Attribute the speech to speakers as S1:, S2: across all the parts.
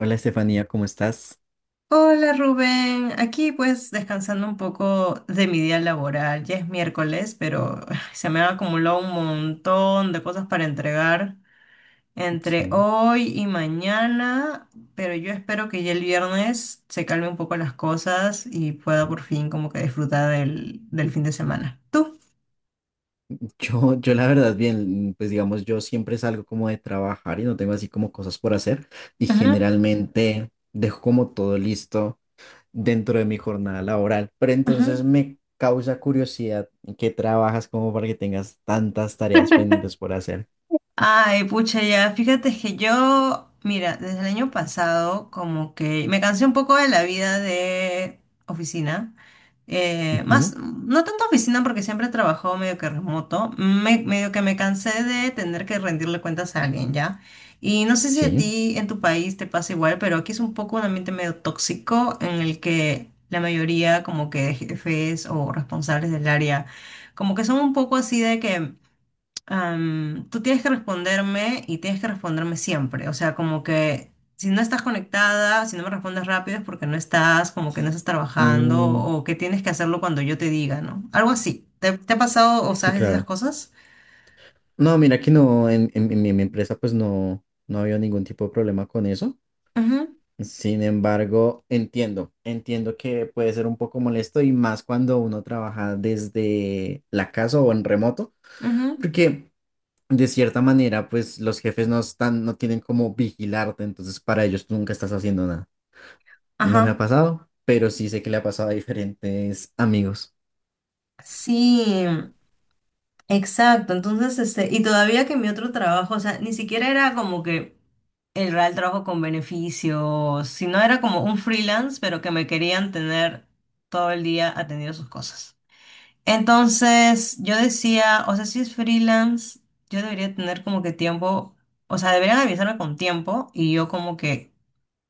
S1: Hola Estefanía, ¿cómo estás?
S2: Hola Rubén, aquí pues descansando un poco de mi día laboral. Ya es miércoles, pero se me ha acumulado un montón de cosas para entregar entre
S1: Sí.
S2: hoy y mañana, pero yo espero que ya el viernes se calme un poco las cosas y pueda por fin como que disfrutar del fin de semana. ¿Tú?
S1: Yo la verdad bien, pues digamos, yo siempre salgo como de trabajar y no tengo así como cosas por hacer y
S2: Ujú,
S1: generalmente dejo como todo listo dentro de mi jornada laboral, pero
S2: ujú.
S1: entonces me causa curiosidad en qué trabajas como para que tengas tantas tareas pendientes por hacer.
S2: Ay, pucha, ya, fíjate que yo, mira, desde el año pasado como que me cansé un poco de la vida de oficina.
S1: Ujú.
S2: Más, no tanto oficina porque siempre he trabajado medio que remoto, medio que me cansé de tener que rendirle cuentas a alguien, ¿ya? Y no sé si a
S1: Sí.
S2: ti en tu país te pasa igual, pero aquí es un poco un ambiente medio tóxico en el que la mayoría como que de jefes o responsables del área como que son un poco así de que tú tienes que responderme y tienes que responderme siempre. O sea, como que si no estás conectada, si no me respondes rápido es porque no estás, como que no estás trabajando
S1: Mm,
S2: o que tienes que hacerlo cuando yo te diga, ¿no? Algo así. ¿Te ha pasado o
S1: sí,
S2: sabes esas
S1: claro.
S2: cosas?
S1: No, mira que no, en mi empresa pues no, no había ningún tipo de problema con eso.
S2: Ujú,
S1: Sin embargo, entiendo, entiendo que puede ser un poco molesto y más cuando uno trabaja desde la casa o en remoto,
S2: ujú,
S1: porque de cierta manera, pues los jefes no están, no tienen como vigilarte, entonces para ellos tú nunca estás haciendo nada. No me ha
S2: ajá.
S1: pasado, pero sí sé que le ha pasado a diferentes amigos.
S2: Sí. Exacto, entonces, este, y todavía que mi otro trabajo, o sea, ni siquiera era como que el real trabajo con beneficios, sino era como un freelance, pero que me querían tener todo el día atendiendo sus cosas. Entonces, yo decía, o sea, si es freelance, yo debería tener como que tiempo, o sea, deberían avisarme con tiempo y yo como que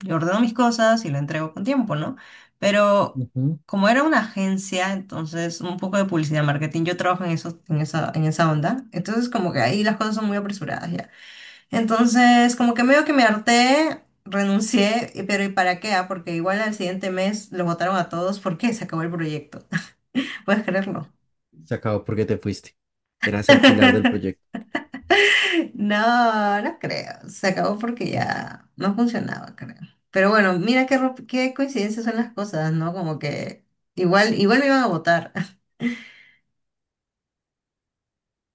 S2: yo ordeno mis cosas y lo entrego con tiempo, ¿no? Pero
S1: Ujú.
S2: como era una agencia, entonces un poco de publicidad, marketing, yo trabajo en eso, en esa onda, entonces como que ahí las cosas son muy apresuradas ya. Entonces como que medio que me harté, renuncié, pero ¿y para qué? ¿Ah? Porque igual al siguiente mes los votaron a todos porque se acabó el proyecto. ¿Puedes creerlo?
S1: Se acabó porque te fuiste. Eras el pilar del proyecto.
S2: No, no creo. Se acabó porque ya no funcionaba, creo. Pero bueno, mira qué, qué coincidencias son las cosas, ¿no? Como que igual, igual me iban a votar.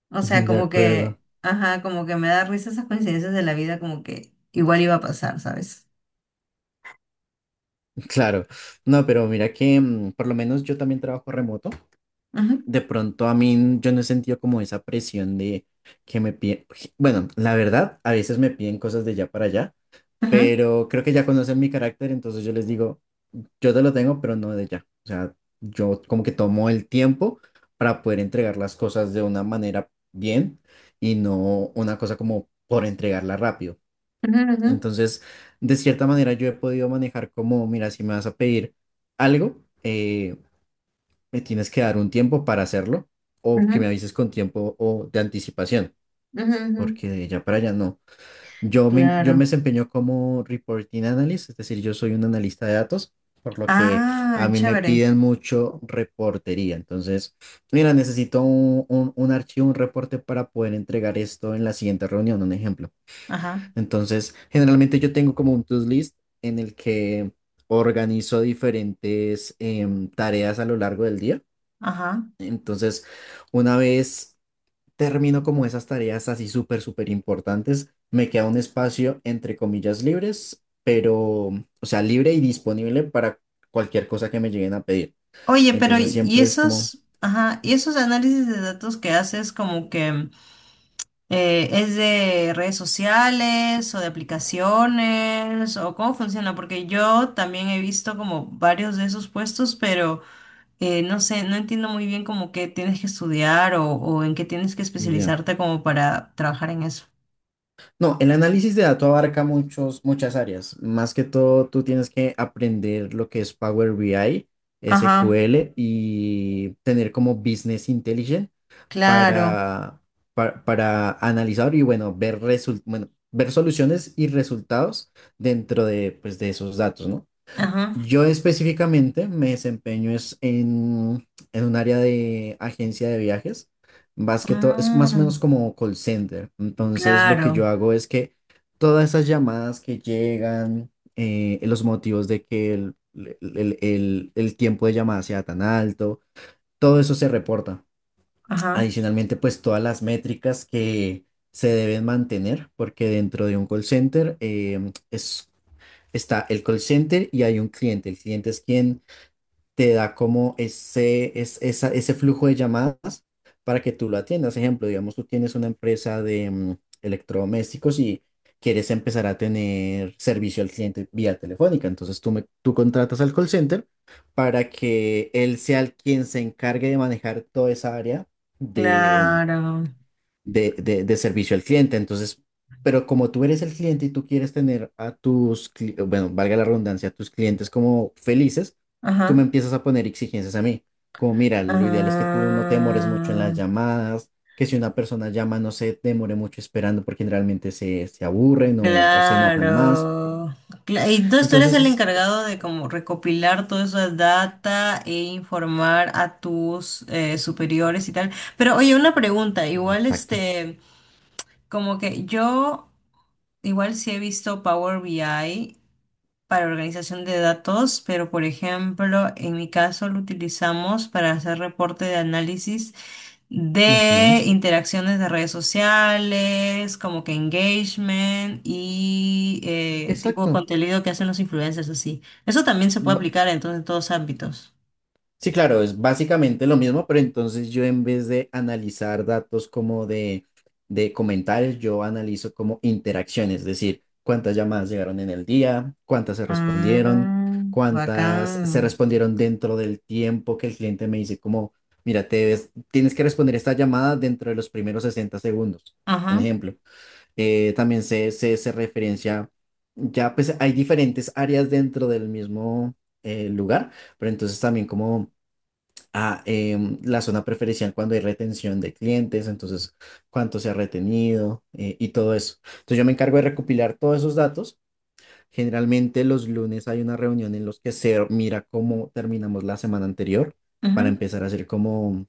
S2: O sea,
S1: De
S2: como
S1: acuerdo,
S2: que, ajá, como que me da risa esas coincidencias de la vida, como que igual iba a pasar, ¿sabes?
S1: claro. No, pero mira que por lo menos yo también trabajo remoto.
S2: Ujú,
S1: De pronto a mí yo no he sentido como esa presión de que me piden, bueno, la verdad, a veces me piden cosas de allá para allá,
S2: ujú,
S1: pero creo que ya conocen mi carácter, entonces yo les digo, yo te lo tengo, pero no de ya. O sea, yo como que tomo el tiempo para poder entregar las cosas de una manera bien y no una cosa como por entregarla rápido.
S2: ujú,
S1: Entonces, de cierta manera yo he podido manejar como, mira, si me vas a pedir algo, me tienes que dar un tiempo para hacerlo o que
S2: ujú,
S1: me avises con tiempo o de anticipación,
S2: ujú, ujú, ujú.
S1: porque de allá para allá no. Yo me
S2: Claro.
S1: desempeño como reporting analyst, es decir, yo soy un analista de datos, por lo que a
S2: Ah,
S1: mí me
S2: chévere.
S1: piden mucho reportería. Entonces, mira, necesito un archivo, un reporte para poder entregar esto en la siguiente reunión, un ejemplo.
S2: Ajá,
S1: Entonces, generalmente yo tengo como un to-do list en el que organizo diferentes tareas a lo largo del día,
S2: ajá.
S1: entonces, una vez termino como esas tareas así súper, súper importantes, me queda un espacio entre comillas libres, pero, o sea, libre y disponible para cualquier cosa que me lleguen a pedir.
S2: Oye, pero
S1: Entonces,
S2: ¿y
S1: siempre es como,
S2: esos, ajá, y esos análisis de datos que haces como que... ¿Es de redes sociales o de aplicaciones o cómo funciona? Porque yo también he visto como varios de esos puestos, pero no sé, no entiendo muy bien como qué tienes que estudiar o en qué tienes que
S1: ya.
S2: especializarte como para trabajar en eso.
S1: No, el análisis de datos abarca muchas áreas. Más que todo, tú tienes que aprender lo que es Power BI,
S2: Ajá,
S1: SQL y tener como Business Intelligence
S2: claro.
S1: para, para analizar y bueno, bueno, ver soluciones y resultados dentro de, pues, de esos datos, ¿no?
S2: Ajá.
S1: Yo específicamente me desempeño es en un área de agencia de viajes, más que todo, es más o
S2: Mm,
S1: menos como call center. Entonces, lo que yo
S2: claro.
S1: hago es que todas esas llamadas que llegan, los motivos de que el tiempo de llamada sea tan alto, todo eso se reporta.
S2: Ajá,
S1: Adicionalmente, pues todas las métricas que se deben mantener, porque dentro de un call center está el call center y hay un cliente. El cliente es quien te da como ese flujo de llamadas para que tú lo atiendas. Ejemplo, digamos, tú tienes una empresa de electrodomésticos y quieres empezar a tener servicio al cliente vía telefónica. Entonces tú contratas al call center para que él sea el quien se encargue de manejar toda esa área
S2: claro.
S1: de servicio al cliente. Entonces, pero como tú eres el cliente y tú quieres tener a bueno, valga la redundancia, a tus clientes como felices, tú me
S2: Ajá.
S1: empiezas a poner exigencias a mí. Como, mira, lo ideal es que tú no te demores mucho en
S2: Ah,
S1: las llamadas, que si una persona llama no se demore mucho esperando porque generalmente se aburren o se enojan más.
S2: claro. Entonces tú eres el
S1: Entonces,
S2: encargado de como recopilar toda esa data e informar a tus superiores y tal. Pero oye, una pregunta, igual
S1: exacto.
S2: este, como que yo igual sí he visto Power BI para organización de datos, pero por ejemplo, en mi caso lo utilizamos para hacer reporte de análisis de
S1: Ujú.
S2: interacciones de redes sociales, como que engagement y tipo de
S1: Exacto.
S2: contenido que hacen los influencers así. Eso también se puede aplicar entonces en todos ámbitos.
S1: Sí, claro, es básicamente lo mismo, pero entonces yo en vez de analizar datos como de comentarios, yo analizo como interacciones, es decir, cuántas llamadas llegaron en el día,
S2: Ah,
S1: cuántas se
S2: bacán.
S1: respondieron dentro del tiempo que el cliente me dice como, mira, tienes que responder esta llamada dentro de los primeros 60 segundos, un
S2: Ajá.
S1: ejemplo. También se referencia, ya pues hay diferentes áreas dentro del mismo lugar, pero entonces también como a la zona preferencial cuando hay retención de clientes, entonces cuánto se ha retenido y todo eso. Entonces yo me encargo de recopilar todos esos datos. Generalmente los lunes hay una reunión en los que se mira cómo terminamos la semana anterior para
S2: Ujú.
S1: empezar a hacer como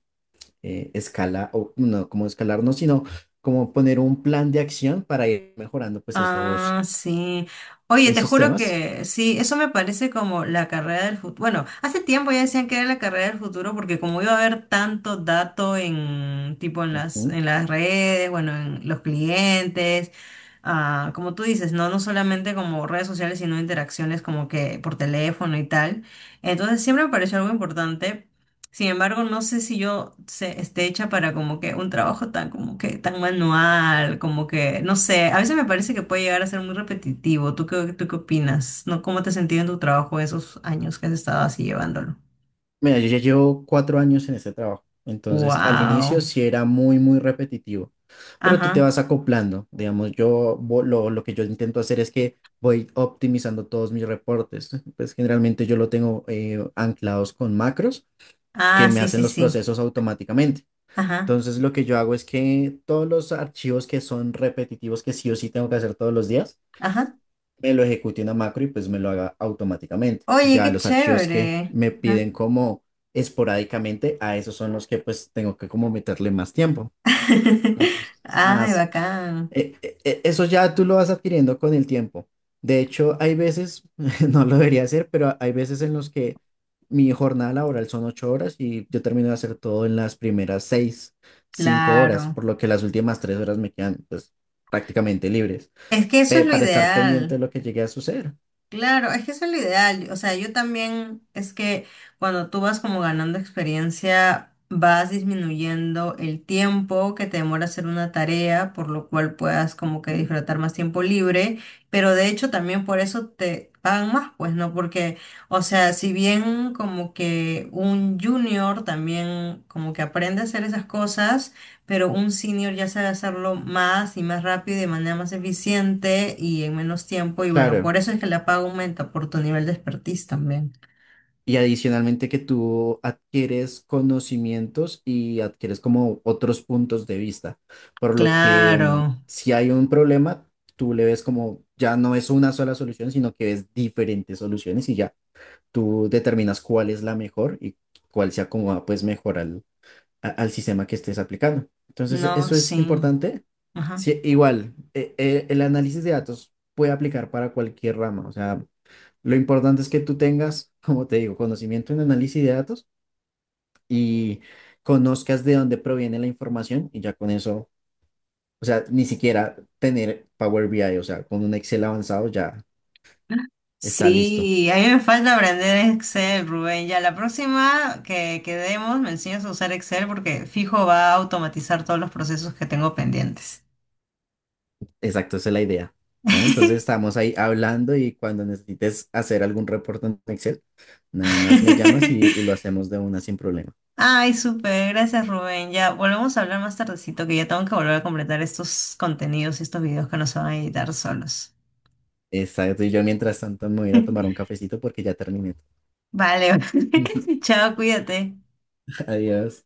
S1: o no como escalar, no, sino como poner un plan de acción para ir mejorando pues esos,
S2: Ah, sí. Oye, te
S1: esos
S2: juro
S1: temas.
S2: que sí, eso me parece como la carrera del futuro. Bueno, hace tiempo ya decían que era la carrera del futuro porque como iba a haber tanto dato en tipo en las
S1: Ujú.
S2: en las redes, bueno, en los clientes, ah, como tú dices, no solamente como redes sociales, sino interacciones como que por teléfono y tal. Entonces siempre me pareció algo importante, sin embargo, no sé si yo se, esté hecha para como que un trabajo tan como que tan manual, como que, no sé, a veces me parece que puede llegar a ser muy repetitivo. ¿Tú qué opinas? ¿No? ¿Cómo te has sentido en tu trabajo esos años que has estado así llevándolo?
S1: Mira, yo ya llevo 4 años en este trabajo, entonces al inicio
S2: Wow.
S1: sí era muy, muy repetitivo, pero tú te
S2: Ajá.
S1: vas acoplando, digamos, lo que yo intento hacer es que voy optimizando todos mis reportes, pues generalmente yo lo tengo anclados con macros que
S2: Ah,
S1: me
S2: sí,
S1: hacen
S2: sí,
S1: los
S2: sí.
S1: procesos automáticamente.
S2: Ajá.
S1: Entonces lo que yo hago es que todos los archivos que son repetitivos, que sí o sí tengo que hacer todos los días,
S2: Ajá.
S1: me lo ejecute una macro y pues me lo haga automáticamente.
S2: Oye,
S1: Ya
S2: qué
S1: los archivos que
S2: chévere.
S1: me
S2: Ajá.
S1: piden como esporádicamente, a esos son los que pues tengo que como meterle más tiempo. Entonces, es
S2: Ay,
S1: más,
S2: bacán.
S1: eso ya tú lo vas adquiriendo con el tiempo. De hecho, hay veces, no lo debería hacer, pero hay veces en los que mi jornada laboral son 8 horas y yo termino de hacer todo en las cinco
S2: Claro.
S1: horas, por lo que las últimas 3 horas me quedan pues prácticamente libres,
S2: Es que eso es lo
S1: para estar pendiente de
S2: ideal.
S1: lo que llegue a suceder.
S2: Claro, es que eso es lo ideal. O sea, yo también es que cuando tú vas como ganando experiencia, vas disminuyendo el tiempo que te demora hacer una tarea, por lo cual puedas como que
S1: Mm.
S2: disfrutar más tiempo libre, pero de hecho también por eso te pagan más, pues, ¿no? Porque, o sea, si bien como que un junior también como que aprende a hacer esas cosas, pero un senior ya sabe hacerlo más y más rápido y de manera más eficiente y en menos tiempo. Y bueno,
S1: Claro.
S2: por eso es que la paga aumenta por tu nivel de expertise también.
S1: Y adicionalmente que tú adquieres conocimientos y adquieres como otros puntos de vista, por lo que
S2: Claro,
S1: si hay un problema, tú le ves como ya no es una sola solución, sino que ves diferentes soluciones y ya tú determinas cuál es la mejor y cuál se acomoda pues mejor al, al sistema que estés aplicando. Entonces,
S2: no,
S1: eso es
S2: sí.
S1: importante.
S2: Ajá.
S1: Sí, igual, el análisis de datos puede aplicar para cualquier rama, o sea... Lo importante es que tú tengas, como te digo, conocimiento en análisis de datos y conozcas de dónde proviene la información y ya con eso, o sea, ni siquiera tener Power BI, o sea, con un Excel avanzado ya está listo.
S2: Sí, a mí me falta aprender Excel, Rubén. Ya la próxima que quedemos me enseñas a usar Excel porque fijo va a automatizar todos los procesos que tengo pendientes.
S1: Exacto, esa es la idea. Bueno, entonces estamos ahí hablando y cuando necesites hacer algún reporte en Excel, nada más me llamas y lo hacemos de una sin problema.
S2: Ay, súper, gracias Rubén. Ya volvemos a hablar más tardecito, que ya tengo que volver a completar estos contenidos y estos videos que no se van a editar solos.
S1: Exacto, y yo mientras tanto me voy a ir a tomar un cafecito porque ya terminé.
S2: Vale, chao, cuídate.
S1: Adiós.